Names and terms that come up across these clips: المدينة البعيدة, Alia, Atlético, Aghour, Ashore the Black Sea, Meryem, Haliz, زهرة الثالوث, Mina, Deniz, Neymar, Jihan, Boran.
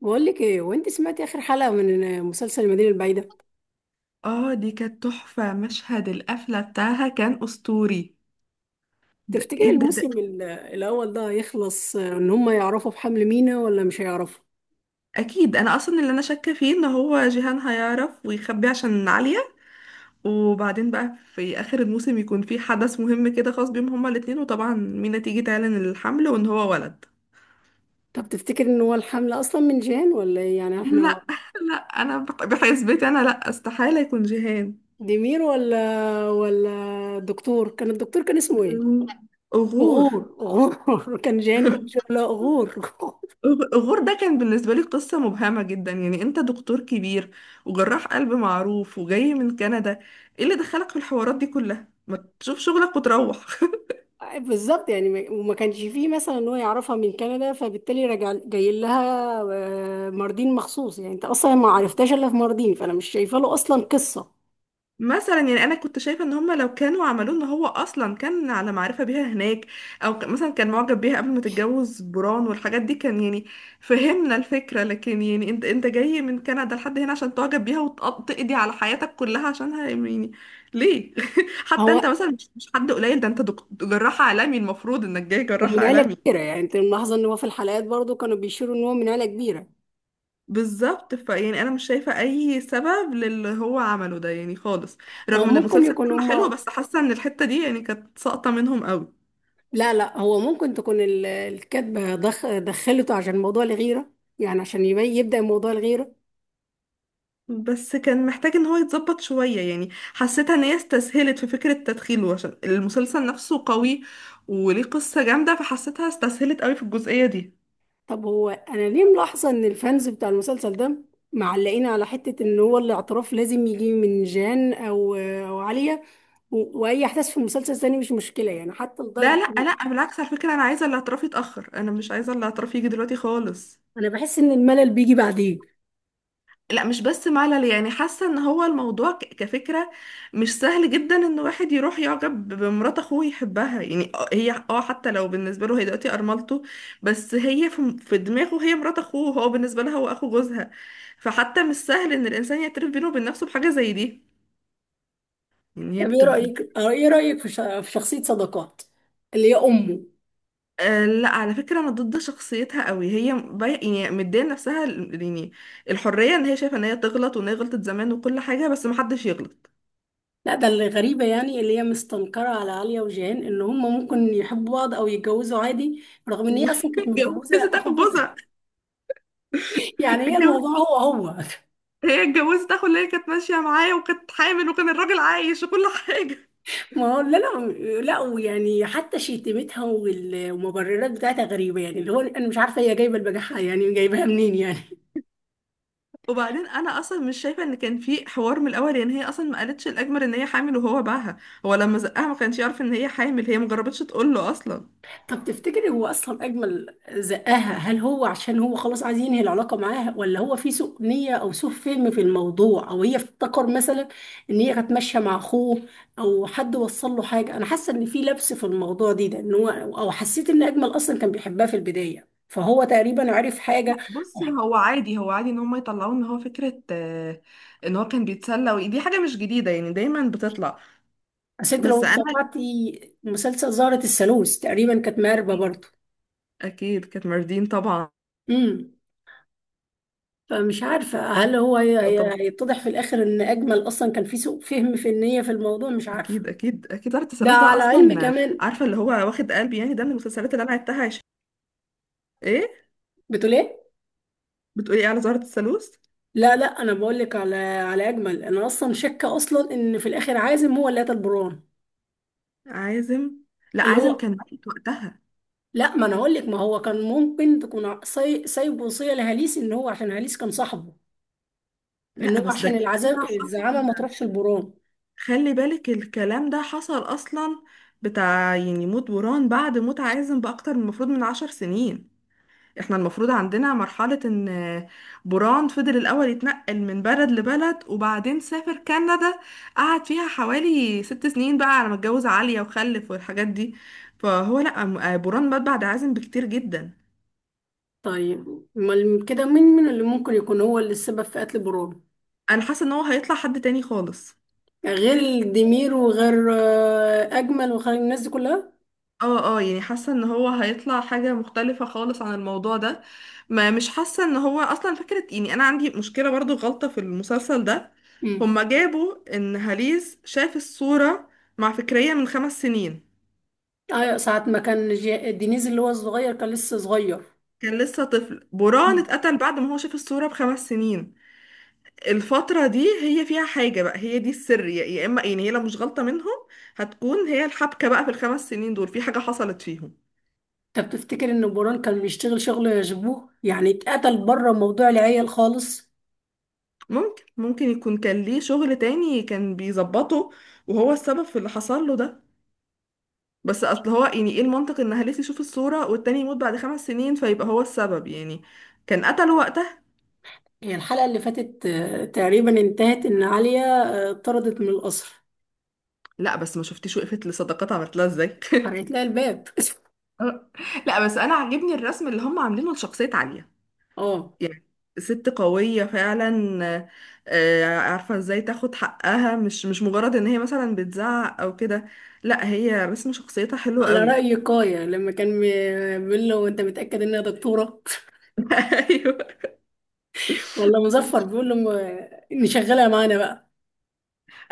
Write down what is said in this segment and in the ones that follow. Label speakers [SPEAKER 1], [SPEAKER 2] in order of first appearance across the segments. [SPEAKER 1] بقول لك ايه وانت سمعتي اخر حلقه من مسلسل المدينه البعيده؟
[SPEAKER 2] اه دي كانت تحفة، مشهد القفلة بتاعها كان أسطوري. ده
[SPEAKER 1] تفتكري
[SPEAKER 2] ايه ده.
[SPEAKER 1] الموسم الاول ده هيخلص ان هم يعرفوا بحمل مينا ولا مش هيعرفوا؟
[SPEAKER 2] اكيد، انا اصلا اللي انا شاكة فيه ان هو جيهان هيعرف ويخبي عشان عليا. وبعدين بقى في اخر الموسم يكون في حدث مهم كده خاص بيهم هما الاتنين، وطبعا مينا تيجي تعلن الحمل وان هو ولد.
[SPEAKER 1] طب تفتكر ان هو الحمل اصلا من جان ولا ايه؟ يعني احنا
[SPEAKER 2] لا، لا انا بحسبتي انا، لا استحالة يكون جيهان.
[SPEAKER 1] ديمير ولا دكتور، كان الدكتور كان اسمه ايه؟
[SPEAKER 2] لا. أغور.
[SPEAKER 1] غور، غور كان جان كل شويه لا غور
[SPEAKER 2] غور ده كان بالنسبة لي قصة مبهمة جدا. يعني انت دكتور كبير وجراح قلب معروف وجاي من كندا، ايه اللي دخلك في الحوارات دي كلها؟ ما تشوف شغلك وتروح.
[SPEAKER 1] بالظبط، يعني وما كانش فيه مثلا ان هو يعرفها من كندا فبالتالي راجع جاي لها ماردين مخصوص. يعني انت اصلا ما عرفتهاش الا في ماردين، فانا مش شايفه له اصلا قصه.
[SPEAKER 2] مثلا يعني انا كنت شايفه ان هم لو كانوا عملوه ان هو اصلا كان على معرفه بيها هناك، او مثلا كان معجب بيها قبل ما تتجوز بران والحاجات دي، كان يعني فهمنا الفكره. لكن يعني انت جاي من كندا لحد هنا عشان تعجب بيها وتقضي على حياتك كلها عشانها؟ يعني ليه؟ حتى انت
[SPEAKER 1] هو
[SPEAKER 2] مثلا مش حد قليل، ده انت جراح عالمي، المفروض انك جاي
[SPEAKER 1] هو
[SPEAKER 2] جراح
[SPEAKER 1] من عيله
[SPEAKER 2] عالمي.
[SPEAKER 1] كبيره، يعني انت ملاحظه ان هو في الحلقات برضو كانوا بيشيروا ان هو من عيله كبيره.
[SPEAKER 2] بالظبط، فيعني انا مش شايفه اي سبب للي هو عمله ده يعني خالص.
[SPEAKER 1] هو
[SPEAKER 2] رغم ان
[SPEAKER 1] ممكن
[SPEAKER 2] المسلسل
[SPEAKER 1] يكون
[SPEAKER 2] كله حلو،
[SPEAKER 1] هما.
[SPEAKER 2] بس حاسه ان الحته دي يعني كانت ساقطه منهم قوي.
[SPEAKER 1] لا لا، هو ممكن تكون الكاتبه دخلته عشان موضوع الغيره، يعني عشان يبدا موضوع الغيره.
[SPEAKER 2] بس كان محتاج ان هو يتظبط شويه، يعني حسيتها ان هي استسهلت في فكره تدخيله، عشان المسلسل نفسه قوي وليه قصه جامده، فحسيتها استسهلت قوي في الجزئيه دي.
[SPEAKER 1] طب هو انا ليه ملاحظه ان الفانز بتاع المسلسل ده معلقين على حته ان هو الاعتراف لازم يجي من جان او عليا، واي احداث في المسلسل تاني مش مشكله؟ يعني حتى
[SPEAKER 2] لا
[SPEAKER 1] لدرجه إن
[SPEAKER 2] لا لا، بالعكس، على فكره انا عايزه الاعتراف يتاخر، انا مش عايزه الاعتراف يجي دلوقتي خالص.
[SPEAKER 1] انا بحس ان الملل بيجي بعدين.
[SPEAKER 2] لا مش بس ملل، يعني حاسه ان هو الموضوع كفكره مش سهل جدا، ان واحد يروح يعجب بمرات اخوه يحبها، يعني هي اه حتى لو بالنسبه له هي دلوقتي ارملته، بس هي في دماغه هي مرات اخوه، هو بالنسبه لها هو اخو جوزها. فحتى مش سهل ان الانسان يعترف بينه وبين نفسه بحاجه زي دي. يعني هي
[SPEAKER 1] طب ايه
[SPEAKER 2] بت... بت-
[SPEAKER 1] رايك آه، ايه رايك في في شخصيه صداقات اللي هي امه؟
[SPEAKER 2] آه لا، على فكره انا ضد شخصيتها قوي. يعني مديه لنفسها يعني الحريه، ان هي شايفه ان هي تغلط وان هي غلطت زمان وكل حاجه، بس محدش يغلط.
[SPEAKER 1] لا، ده اللي غريبه، يعني اللي هي مستنكره على عليا وجان ان هم ممكن يحبوا بعض او يتجوزوا عادي، رغم ان هي اصلا كانت متجوزه
[SPEAKER 2] واتجوزت اخو
[SPEAKER 1] اخو جوزها.
[SPEAKER 2] جوزها.
[SPEAKER 1] يعني هي
[SPEAKER 2] اتجوزت.
[SPEAKER 1] الموضوع هو هو.
[SPEAKER 2] هي اتجوزت اخو اللي هي كانت ماشيه معايا، وكانت حامل وكان الراجل عايش وكل حاجه.
[SPEAKER 1] ما هو لا لا لا. ويعني حتى شتيمتها والمبررات بتاعتها غريبة، يعني اللي هو أنا مش عارفة هي جايبة البجاحة، يعني جايبها منين يعني.
[SPEAKER 2] وبعدين انا اصلا مش شايفه ان كان في حوار من الاول، يعني هي اصلا ما قالتش الاجمل ان هي حامل وهو باعها. هو لما زقها ما كانش يعرف ان هي حامل، هي ما جربتش تقول له اصلا.
[SPEAKER 1] طب تفتكري هو أصلا أجمل زقاها؟ هل هو عشان هو خلاص عايز ينهي العلاقة معاها، ولا هو في سوء نية أو سوء فهم في الموضوع، أو هي افتكر مثلا إن هي كانت ماشية مع أخوه، أو حد وصل له حاجة؟ أنا حاسة إن في لبس في الموضوع دي ده، إن هو، أو حسيت إن أجمل أصلا كان بيحبها في البداية فهو تقريبا عرف حاجة.
[SPEAKER 2] بصي، هو عادي هو عادي ان هم يطلعوا ان هو فكرة ان هو كان بيتسلى، ودي حاجة مش جديدة يعني، دايما بتطلع.
[SPEAKER 1] بس انت لو
[SPEAKER 2] بس انا
[SPEAKER 1] استطعتي مسلسل زهرة الثالوث تقريبا كانت مهربة برضه.
[SPEAKER 2] اكيد كانت ماردين طبعا.
[SPEAKER 1] امم فمش عارفة هل هو
[SPEAKER 2] طبعا،
[SPEAKER 1] هيتضح في الآخر إن أجمل أصلا كان في سوء فهم في النية في الموضوع، مش عارفة.
[SPEAKER 2] اكيد اكيد اكيد دار
[SPEAKER 1] ده
[SPEAKER 2] التسلسل ده
[SPEAKER 1] على علم
[SPEAKER 2] اصلا
[SPEAKER 1] كمان.
[SPEAKER 2] عارفة اللي هو واخد قلبي يعني، ده من المسلسلات اللي انا عدتها. ايه،
[SPEAKER 1] بتقول إيه؟
[SPEAKER 2] بتقولي ايه على زهرة الثالوث؟
[SPEAKER 1] لا لا، أنا بقول لك على أجمل. أنا أصلا شاكة أصلا إن في الآخر عازم هو اللي قتل بران.
[SPEAKER 2] عازم. لا
[SPEAKER 1] اللي
[SPEAKER 2] عازم
[SPEAKER 1] هو
[SPEAKER 2] كان ميت وقتها.
[SPEAKER 1] لا، ما أنا هقول لك، ما هو كان ممكن تكون سايب وصية لهاليس، إن هو عشان هاليس كان صاحبه، إن
[SPEAKER 2] لا
[SPEAKER 1] هو
[SPEAKER 2] بس ده
[SPEAKER 1] عشان
[SPEAKER 2] الكلام ده
[SPEAKER 1] العذاب
[SPEAKER 2] حصل.
[SPEAKER 1] الزعامة ما تروحش لبران.
[SPEAKER 2] خلي بالك الكلام ده حصل اصلا، بتاع يعني موت بوران بعد موت عازم باكتر من المفروض من 10 سنين. احنا المفروض عندنا مرحلة، ان بوران فضل الاول يتنقل من بلد لبلد، وبعدين سافر كندا، قعد فيها حوالي 6 سنين بقى على ما اتجوز عالية وخلف والحاجات دي. فهو لا، بوران مات بعد عازم بكتير جدا.
[SPEAKER 1] طيب امال كده مين من اللي ممكن يكون هو اللي السبب في قتل برونو؟
[SPEAKER 2] انا حاسه ان هو هيطلع حد تاني خالص.
[SPEAKER 1] يعني غير ديمير وغير اجمل وغير الناس دي كلها.
[SPEAKER 2] اه، يعني حاسه ان هو هيطلع حاجه مختلفه خالص عن الموضوع ده. ما مش حاسه ان هو اصلا فكره. يعني انا عندي مشكله برضو، غلطه في المسلسل ده.
[SPEAKER 1] امم
[SPEAKER 2] هما جابوا ان هاليز شاف الصوره مع فكريه من 5 سنين.
[SPEAKER 1] ايوه، ساعة ما كان دينيز اللي هو الصغير كان لسه صغير.
[SPEAKER 2] كان لسه طفل، بران
[SPEAKER 1] مم.
[SPEAKER 2] اتقتل بعد ما هو شاف الصوره بخمس سنين. الفتره دي هي فيها حاجه بقى، هي دي السر، يا اما يعني هي لو مش غلطه منهم، هتكون هي الحبكه بقى، في الخمس سنين دول في حاجه حصلت فيهم.
[SPEAKER 1] انت بتفتكر ان بوران كان بيشتغل شغل يشبوه، يعني اتقتل بره موضوع العيال خالص؟
[SPEAKER 2] ممكن يكون كان ليه شغل تاني كان بيظبطه، وهو السبب في اللي حصل له ده. بس اصل هو، يعني ايه المنطق ان هلس يشوف الصورة والتاني يموت بعد 5 سنين، فيبقى هو السبب يعني كان قتله وقتها؟
[SPEAKER 1] هي الحلقة اللي فاتت تقريبا انتهت ان عليا طردت من القصر.
[SPEAKER 2] لا بس ما شفتيش وقفت لصداقات عملت لها ازاي
[SPEAKER 1] قرأت لها الباب.
[SPEAKER 2] آه. لا بس انا عاجبني الرسم اللي هم عاملينه لشخصية عالية،
[SPEAKER 1] اه.
[SPEAKER 2] يعني ست قوية فعلا. آه، عارفة ازاي تاخد حقها، مش مجرد ان هي مثلا بتزعق او كده. لا، هي رسم شخصيتها حلو
[SPEAKER 1] على
[SPEAKER 2] قوي.
[SPEAKER 1] رأي كايا لما كان بيقول له انت متأكد انها دكتورة؟
[SPEAKER 2] ايوه.
[SPEAKER 1] والله مظفر بيقول له إني شغالة معانا بقى،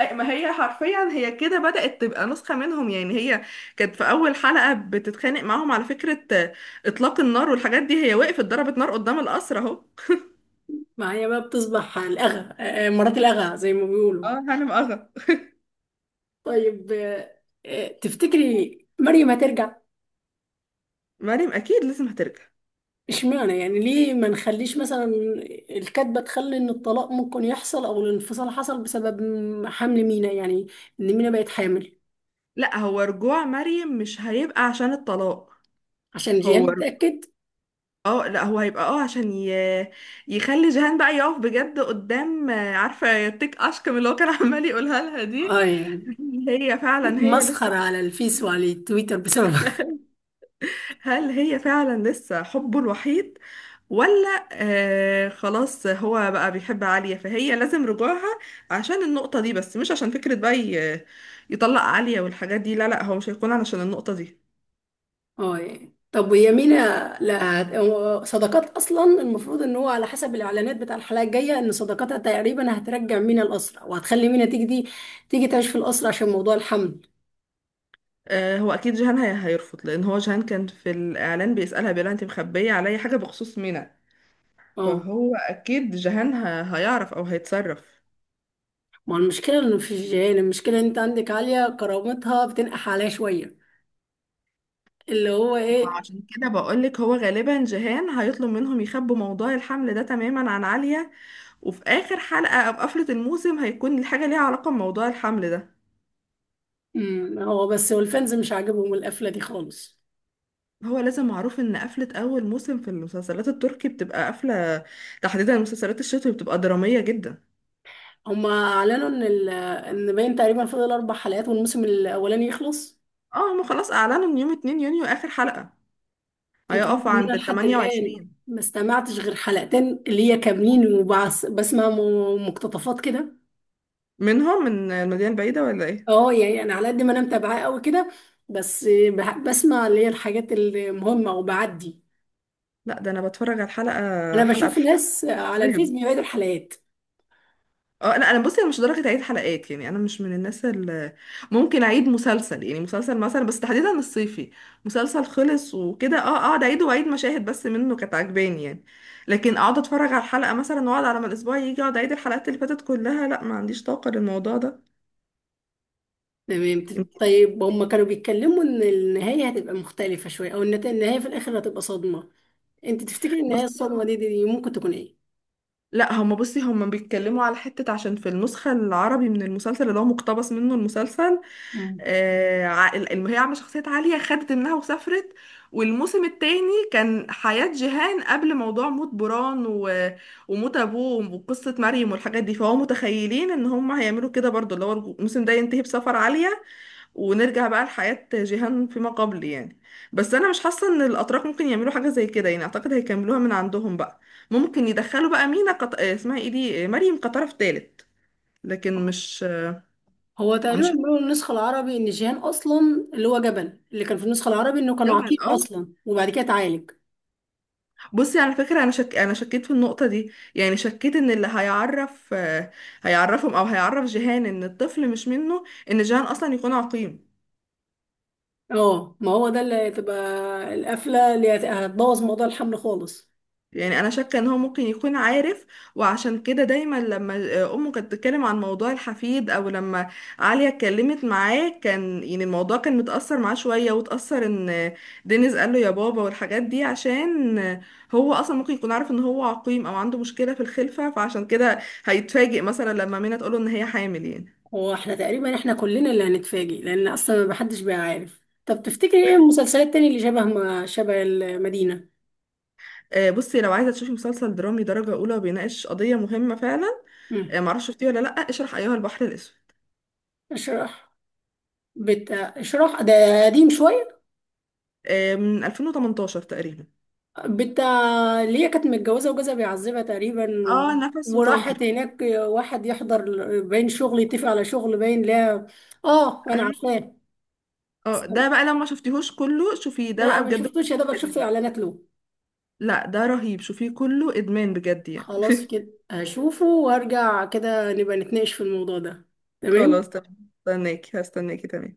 [SPEAKER 2] ما هي حرفيا هي كده بدأت تبقى نسخة منهم. يعني هي كانت في أول حلقة بتتخانق معاهم، على فكرة إطلاق النار والحاجات دي، هي وقفت ضربت نار قدام القصر أهو.
[SPEAKER 1] معايا بقى بتصبح الأغا، مرات الأغا زي ما بيقولوا.
[SPEAKER 2] اه، هانم اغا.
[SPEAKER 1] طيب تفتكري مريم هترجع؟
[SPEAKER 2] مريم أكيد لازم هترجع.
[SPEAKER 1] اشمعنى؟ يعني ليه ما نخليش مثلا الكاتبة تخلي إن الطلاق ممكن يحصل أو الانفصال حصل بسبب حمل مينا، يعني إن مينا بقت حامل
[SPEAKER 2] لا، هو رجوع مريم مش هيبقى عشان الطلاق.
[SPEAKER 1] عشان
[SPEAKER 2] هو
[SPEAKER 1] جيان
[SPEAKER 2] ر-
[SPEAKER 1] يتأكد.
[SPEAKER 2] اه لا، هو هيبقى اه عشان يخلي جيهان بقى يقف بجد قدام عارفة تيك أشكم اللي هو كان عمال يقولها لها دي.
[SPEAKER 1] اه يعني
[SPEAKER 2] هل هي فعلا هي
[SPEAKER 1] مسخرة
[SPEAKER 2] لسه؟
[SPEAKER 1] على الفيس وعلى التويتر بسبب.
[SPEAKER 2] هل هي فعلا لسه حبه الوحيد؟ ولا آه خلاص هو بقى بيحب عالية، فهي لازم رجوعها عشان النقطة دي بس، مش عشان فكرة بقى يطلق عالية والحاجات دي. لا لا، هو مش هيكون علشان النقطة دي.
[SPEAKER 1] اه يعني طب ويا مينا. لا، هو صداقات اصلا المفروض ان هو على حسب الاعلانات بتاع الحلقه الجايه ان صداقاتها تقريبا هترجع مينا الاسرى، وهتخلي مينا تيجي دي تيجي تعيش في الاسرى عشان موضوع الحمل.
[SPEAKER 2] آه، هو أكيد جيهان هيرفض، لأن هو جيهان كان في الإعلان بيسألها بيقولها، أنت مخبية عليا حاجة بخصوص منى؟
[SPEAKER 1] اه،
[SPEAKER 2] فهو أكيد جيهان هيعرف أو هيتصرف.
[SPEAKER 1] ما المشكله انه في الجيران. المشكله ان انت عندك عاليه كرامتها بتنقح عليها شويه، اللي هو ايه.
[SPEAKER 2] عشان كده بقولك هو غالبا جيهان هيطلب منهم يخبوا موضوع الحمل ده تماما عن عالية، وفي آخر حلقة أو قفلة الموسم هيكون الحاجة ليها علاقة بموضوع الحمل ده.
[SPEAKER 1] هو بس، والفانز مش عاجبهم القفله دي خالص.
[SPEAKER 2] هو لازم معروف ان قفلة اول موسم في المسلسلات التركي بتبقى قفلة، تحديدا المسلسلات الشتوي بتبقى درامية جدا.
[SPEAKER 1] هما اعلنوا ان باين تقريبا فاضل اربع حلقات والموسم الاولاني يخلص.
[SPEAKER 2] اه، هما خلاص اعلنوا ان يوم 2 يونيو اخر حلقة،
[SPEAKER 1] انت عارفه
[SPEAKER 2] هيقف
[SPEAKER 1] ان
[SPEAKER 2] عند
[SPEAKER 1] انا
[SPEAKER 2] ال
[SPEAKER 1] لحد الان
[SPEAKER 2] 28.
[SPEAKER 1] ما استمعتش غير حلقتين اللي هي كاملين، وبسمع مقتطفات كده.
[SPEAKER 2] منهم من المدينة البعيدة ولا ايه؟
[SPEAKER 1] اه يعني انا على قد ما انا متابعاه قوي كده، بس بسمع اللي هي الحاجات المهمه وبعدي.
[SPEAKER 2] لا، ده انا بتفرج على الحلقة
[SPEAKER 1] انا
[SPEAKER 2] حلقة
[SPEAKER 1] بشوف
[SPEAKER 2] بحلقة.
[SPEAKER 1] ناس على
[SPEAKER 2] أيوة.
[SPEAKER 1] الفيس بيعيدوا الحلقات.
[SPEAKER 2] اه لا، انا بصي انا مش لدرجه اعيد حلقات يعني، انا مش من الناس اللي ممكن اعيد مسلسل، يعني مسلسل مثلا بس تحديدا الصيفي، مسلسل خلص وكده اه اقعد اعيد واعيد مشاهد بس منه كانت عجباني يعني. لكن اقعد اتفرج على الحلقه مثلا واقعد على ما الاسبوع يجي، اقعد اعيد الحلقات اللي فاتت كلها، لا ما عنديش طاقه للموضوع ده.
[SPEAKER 1] تمام. طيب هم كانوا بيتكلموا ان النهايه هتبقى مختلفه شويه، او النهايه في الاخر هتبقى صدمه. انت تفتكري النهايه
[SPEAKER 2] بصي
[SPEAKER 1] الصدمه
[SPEAKER 2] هم-
[SPEAKER 1] دي ممكن تكون ايه؟
[SPEAKER 2] لا هم، بصي هم بيتكلموا على حته، عشان في النسخه العربي من المسلسل اللي هو مقتبس منه المسلسل
[SPEAKER 1] مم.
[SPEAKER 2] هي عامله شخصيه عاليه خدت منها وسافرت، والموسم التاني كان حياه جيهان قبل موضوع موت بران وموت ابوه وقصه مريم والحاجات دي. فهو متخيلين ان هم هيعملوا كده برضو، اللي هو الموسم ده ينتهي بسفر عاليه ونرجع بقى لحياه جيهان فيما قبل يعني. بس انا مش حاسه ان الاتراك ممكن يعملوا حاجه زي كده، يعني اعتقد هيكملوها من عندهم بقى، ممكن يدخلوا بقى مينا اسمها ايه دي مريم كطرف تالت. لكن مش
[SPEAKER 1] هو تقريبا
[SPEAKER 2] مش
[SPEAKER 1] بيقولوا النسخة العربي إن جيهان أصلا، اللي هو جبل اللي كان في النسخة العربي، إنه كان
[SPEAKER 2] هتجابها
[SPEAKER 1] عقيم
[SPEAKER 2] الأول.
[SPEAKER 1] أصلا وبعد كده اتعالج.
[SPEAKER 2] بصي على فكرة، أنا شكيت في النقطة دي، يعني شكيت إن اللي هيعرف هيعرفهم أو هيعرف جيهان إن الطفل مش منه، إن جيهان أصلا يكون عقيم.
[SPEAKER 1] اه، ما هو ده اللي هتبقى القفلة اللي هتبوظ موضوع الحمل خالص.
[SPEAKER 2] يعني انا شاكه ان هو ممكن يكون عارف، وعشان كده دايما لما امه كانت بتتكلم عن موضوع الحفيد او لما عليا اتكلمت معاه، كان يعني الموضوع كان متاثر معاه شويه، وتاثر ان دينيز قال له يا بابا والحاجات دي، عشان هو اصلا ممكن يكون عارف ان هو عقيم او عنده مشكله في الخلفه، فعشان كده هيتفاجئ مثلا لما منى تقوله ان هي حامل يعني.
[SPEAKER 1] هو احنا تقريبا احنا كلنا اللي هنتفاجئ، لأن أصلا ما حدش بقى عارف. طب تفتكري ايه المسلسلات التانية اللي شبه، ما شبه المدينة؟
[SPEAKER 2] بصي لو عايزه تشوفي مسلسل درامي درجه اولى وبيناقش قضيه مهمه فعلا،
[SPEAKER 1] مم.
[SPEAKER 2] معرفش شفتيه ولا لا، اشرح ايها البحر الاسود،
[SPEAKER 1] اشراح. اشراح ده قديم شوية.
[SPEAKER 2] من 2018 تقريبا.
[SPEAKER 1] بت ليا كانت متجوزة وجوزها بيعذبها تقريبا
[SPEAKER 2] اه
[SPEAKER 1] و...
[SPEAKER 2] نفس وطاهر.
[SPEAKER 1] وراحت هناك واحد يحضر، باين شغل، يتفق على شغل، باين لا. اه
[SPEAKER 2] اي،
[SPEAKER 1] انا عارفاه.
[SPEAKER 2] اه ده بقى لما شفتيهوش كله شوفيه ده
[SPEAKER 1] لا
[SPEAKER 2] بقى
[SPEAKER 1] ما
[SPEAKER 2] بجد،
[SPEAKER 1] شفتوش، يا دوبك شفت
[SPEAKER 2] ادمان،
[SPEAKER 1] اعلانات له.
[SPEAKER 2] لا ده رهيب شوفيه كله ادمان بجد يعني.
[SPEAKER 1] خلاص كده هشوفه وارجع كده نبقى نتناقش في الموضوع ده.
[SPEAKER 2] خلاص
[SPEAKER 1] تمام.
[SPEAKER 2] تمام، هستناكي هستناكي تمام.